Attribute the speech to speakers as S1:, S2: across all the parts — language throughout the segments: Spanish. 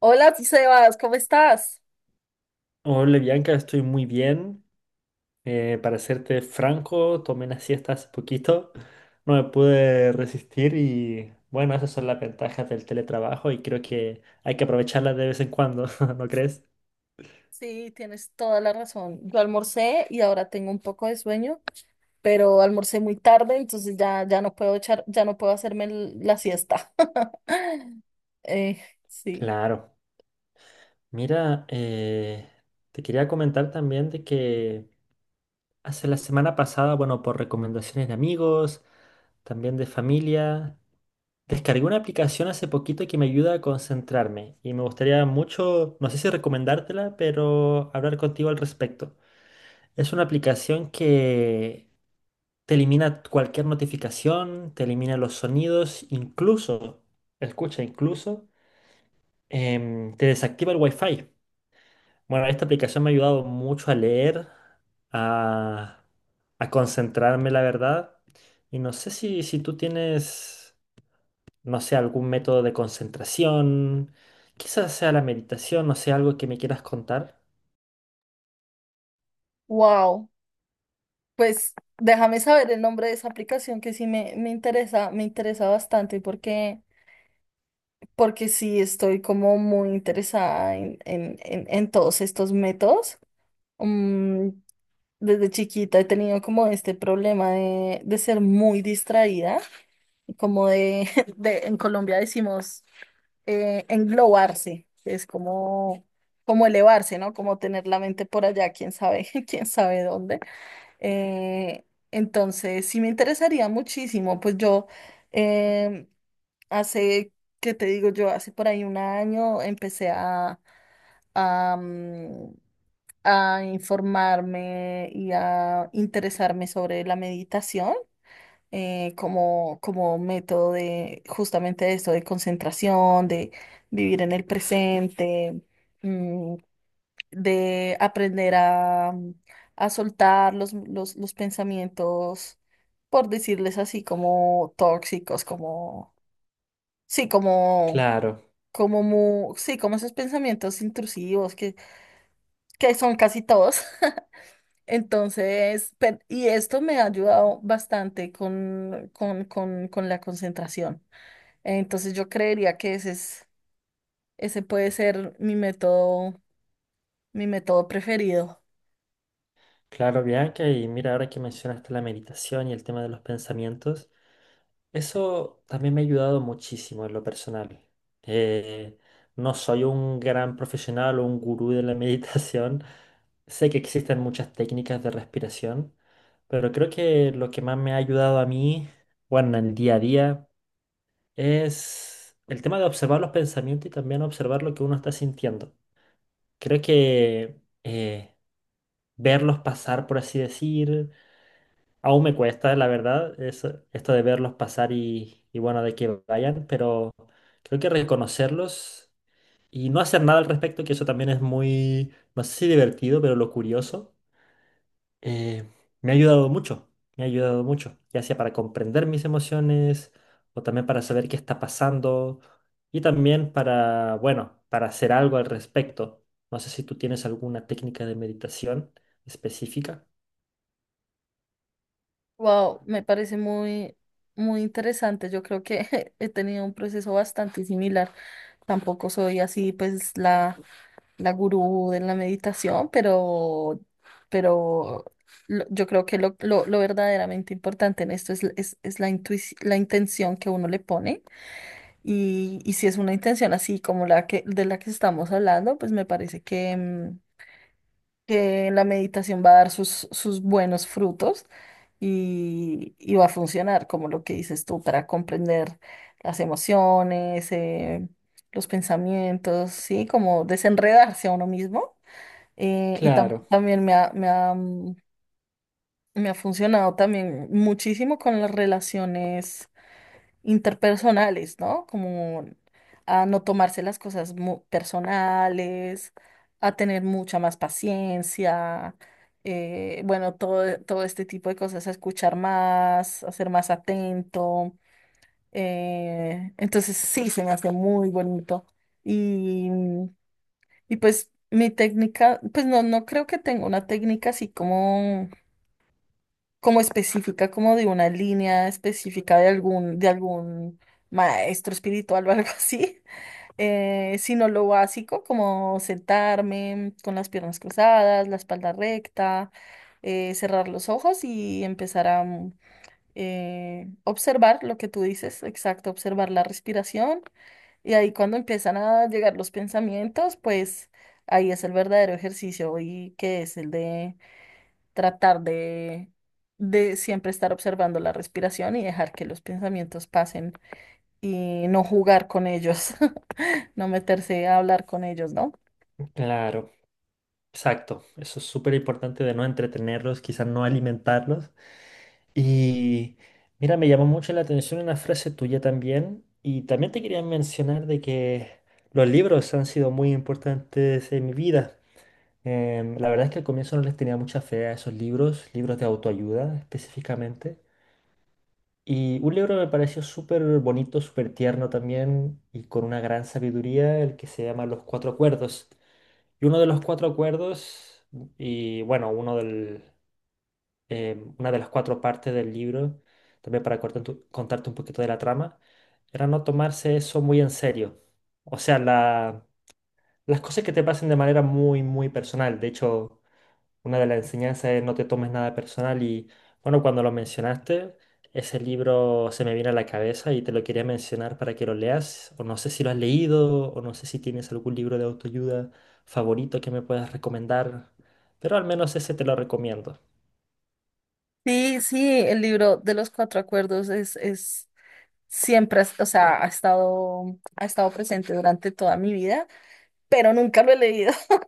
S1: Hola, Sebas, ¿cómo estás?
S2: Hola, Bianca, estoy muy bien. Para serte franco, tomé una siesta hace poquito, no me pude resistir y bueno, esas son las ventajas del teletrabajo y creo que hay que aprovecharlas de vez en cuando, ¿no crees?
S1: Sí, tienes toda la razón. Yo almorcé y ahora tengo un poco de sueño, pero almorcé muy tarde, entonces ya no puedo echar, ya no puedo hacerme la siesta. Eh, sí.
S2: Claro. Mira, te quería comentar también de que hace la semana pasada, bueno, por recomendaciones de amigos, también de familia. Descargué una aplicación hace poquito que me ayuda a concentrarme y me gustaría mucho, no sé si recomendártela, pero hablar contigo al respecto. Es una aplicación que te elimina cualquier notificación, te elimina los sonidos, incluso, escucha, incluso, te desactiva el Wi-Fi. Bueno, esta aplicación me ha ayudado mucho a leer, a, a concentrarme, la verdad. Y no sé si tú tienes, no sé, algún método de concentración, quizás sea la meditación, no sé, algo que me quieras contar.
S1: Wow. Pues déjame saber el nombre de esa aplicación que sí me interesa bastante porque, porque sí estoy como muy interesada en todos estos métodos. Mm, Desde chiquita he tenido como este problema de ser muy distraída, como de, de en Colombia decimos englobarse, que es como, como elevarse, ¿no? Como tener la mente por allá, quién sabe, quién sabe dónde. Eh, entonces, sí me interesaría muchísimo, pues yo eh, hace, ¿qué te digo yo? Hace por ahí un año empecé a, mm, a informarme y a interesarme sobre la meditación, como, como método de justamente esto, de concentración, de vivir en el presente, mm, de aprender a soltar los pensamientos, por decirles así, como tóxicos, como, sí, como...
S2: Claro,
S1: Sí, como esos pensamientos intrusivos que son casi todos. Entonces, y esto me ha ayudado bastante con la concentración. Entonces, yo creería que ese es, ese puede ser mi método preferido.
S2: claro, Bianca, y mira, ahora que mencionaste la meditación y el tema de los pensamientos, eso también me ha ayudado muchísimo en lo personal. Eh, no soy un gran profesional o un gurú de la meditación, sé que existen muchas técnicas de respiración, pero creo que lo que más me ha ayudado a mí, bueno, en el día a día, es el tema de observar los pensamientos y también observar lo que uno está sintiendo. Creo que verlos pasar, por así decir, aún me cuesta, la verdad, esto de verlos pasar y bueno, de que vayan, pero creo que reconocerlos y no hacer nada al respecto, que eso también es muy, no sé si divertido, pero lo curioso. eh, Me ha ayudado mucho, me ha ayudado mucho, ya sea para comprender mis emociones o también para saber qué está pasando y también para, bueno, para hacer algo al respecto. No sé si tú tienes alguna técnica de meditación específica.
S1: Wow, me parece muy, muy interesante. Yo creo que he tenido un proceso bastante similar. Tampoco soy así, pues, la la gurú de la meditación, pero yo creo que lo verdaderamente importante en esto es, es la intención que uno le pone y si es una intención así como la que, de la que estamos hablando, pues me parece que, mm, que la meditación va a dar sus, sus buenos frutos y va a funcionar, como lo que dices tú, para comprender las emociones, los pensamientos, ¿sí? Como desenredarse a uno mismo. Y
S2: Claro,
S1: también me ha, mm, me ha funcionado también muchísimo con las relaciones interpersonales, ¿no? Como a no tomarse las cosas personales, a tener mucha más paciencia, bueno, todo, todo este tipo de cosas, a escuchar más, a ser más atento. Entonces sí, se me hace muy bonito. Y pues mi técnica, pues no, no creo que tenga una técnica así como, como específica, como de una línea específica de algún maestro espiritual o algo así, sino lo básico, como sentarme con las piernas cruzadas, la espalda recta, cerrar los ojos y empezar a observar lo que tú dices, exacto, observar la respiración y ahí cuando empiezan a llegar los pensamientos, pues ahí es el verdadero ejercicio y que es el de tratar de siempre estar observando la respiración y dejar que los pensamientos pasen y no jugar con ellos, no meterse a hablar con ellos, ¿no?
S2: claro, exacto. Eso es súper importante de no entretenerlos, quizás no alimentarlos. Y mira, me llamó mucho la atención una frase tuya también. Y también te quería mencionar de que los libros han sido muy importantes en mi vida. La verdad es que al comienzo no les tenía mucha fe a esos libros, libros de autoayuda específicamente. Y un libro me pareció súper bonito, súper tierno también y con una gran sabiduría, el que se llama Los Cuatro Acuerdos. Y uno de los cuatro acuerdos, y bueno, una de las cuatro partes del libro, también para contarte un poquito de la trama, era no tomarse eso muy en serio. O sea, las cosas que te pasen de manera muy, muy personal. De hecho, una de las enseñanzas es no te tomes nada personal y, bueno, cuando lo mencionaste, ese libro se me viene a la cabeza y te lo quería mencionar para que lo leas. O no sé si lo has leído, o no sé si tienes algún libro de autoayuda favorito que me puedas recomendar, pero al menos ese te lo recomiendo.
S1: Sí, sí, el libro de los cuatro acuerdos es siempre, o sea, ha estado presente durante toda mi vida, pero nunca lo he leído.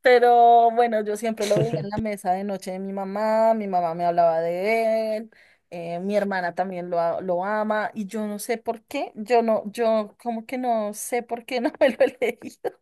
S1: Pero bueno, yo siempre lo veía en la mesa de noche de mi mamá me hablaba de él, mi hermana también lo ama y yo no sé por qué, yo como que no sé por qué no me lo he leído,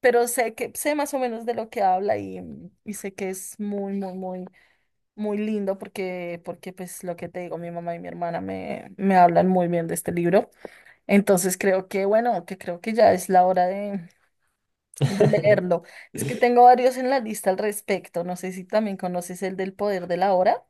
S1: pero sé que sé más o menos de lo que habla y sé que es muy, muy, muy, muy lindo porque, porque pues lo que te digo, mi mamá y mi hermana me hablan muy bien de este libro. Entonces creo que, bueno, que creo que ya es la hora de leerlo. Es que tengo varios en la lista al respecto. No sé si también conoces el del poder de la hora.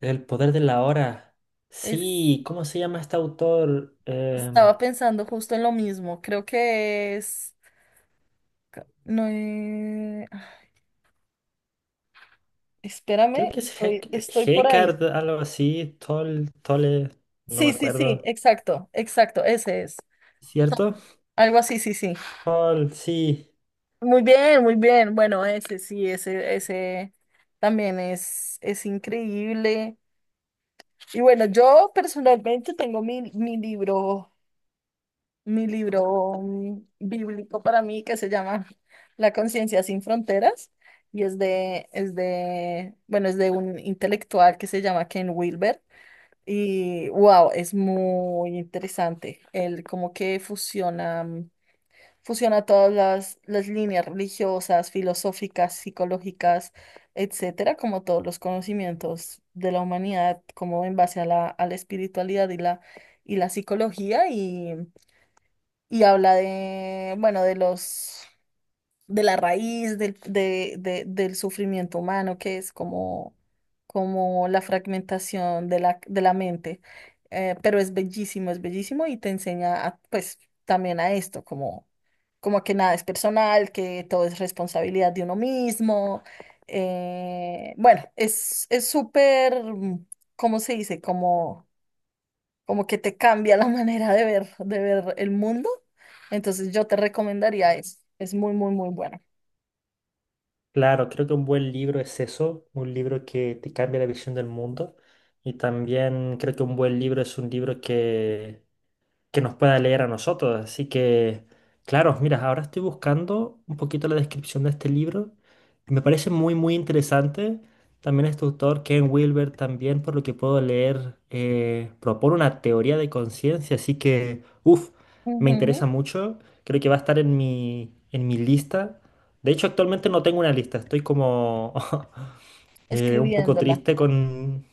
S2: El poder de la hora.
S1: Es,
S2: Sí, ¿cómo se llama este autor?
S1: estaba pensando justo en lo mismo. Creo que es... No, ah,
S2: Creo
S1: espérame,
S2: que es
S1: estoy, estoy por ahí.
S2: Hecard, algo así. Tol, Tole, no me
S1: Sí, sí, sí,
S2: acuerdo.
S1: exacto, exacto, ese es.
S2: ¿Cierto?
S1: Algo así, sí, sí.
S2: Tol, sí.
S1: Muy bien, muy bien. Bueno, ese sí, ese también es increíble. Y bueno, yo personalmente tengo mi, mi libro bíblico para mí, que se llama La conciencia sin fronteras, y es de, bueno, es de un intelectual que se llama Ken Wilber y wow, es muy interesante. Él como que fusiona, mm, fusiona todas las líneas religiosas, filosóficas, psicológicas, etcétera, como todos los conocimientos de la humanidad, como en base a la espiritualidad y la psicología y habla de, bueno, de los, de la raíz del, del sufrimiento humano, que es como, como la fragmentación de la mente. Pero es bellísimo y te enseña a, pues también a esto, como, como que nada es personal, que todo es responsabilidad de uno mismo. Bueno, es súper, ¿cómo se dice? Como como que te cambia la manera de ver el mundo. Entonces yo te recomendaría eso. Es muy, muy, muy bueno.
S2: Claro, creo que un buen libro es eso. Un libro que te cambia la visión del mundo. Y también creo que un buen libro es un libro que nos pueda leer a nosotros. Así que, claro, mira, ahora estoy buscando un poquito la descripción de este libro. Me parece muy, muy interesante. También este autor, Ken Wilber, también, por lo que puedo leer, propone una teoría de conciencia. Así que, uff, me
S1: Ujú.
S2: interesa mucho. Creo que va a estar en mi lista. De hecho, actualmente no tengo una lista. Estoy como un poco
S1: Escribiéndola.
S2: triste con,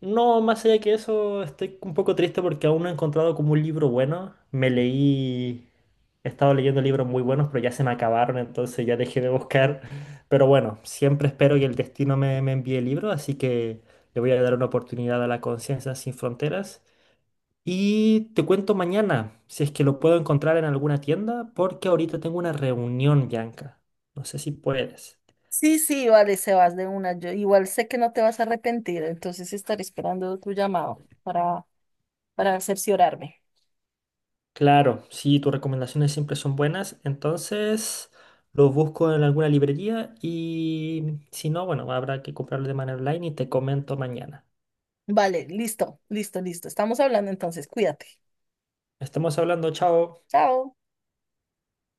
S2: no, más allá que eso, estoy un poco triste porque aún no he encontrado como un libro bueno. He estado leyendo libros muy buenos, pero ya se me acabaron, entonces ya dejé de buscar. Pero bueno, siempre espero que el destino me envíe libros, así que le voy a dar una oportunidad a La Conciencia Sin Fronteras. Y te cuento mañana, si es que lo puedo encontrar en alguna tienda, porque ahorita tengo una reunión, Bianca. No sé si puedes.
S1: Sí, sí, vale, Sebas, de una. Yo igual sé que no te vas a arrepentir, entonces estaré esperando tu llamado para cerciorarme.
S2: Claro, sí, tus recomendaciones siempre son buenas, entonces los busco en alguna librería y si no, bueno, habrá que comprarlo de manera online y te comento mañana.
S1: Vale, listo, listo, listo. Estamos hablando entonces, cuídate.
S2: Estamos hablando, chao.
S1: Chao.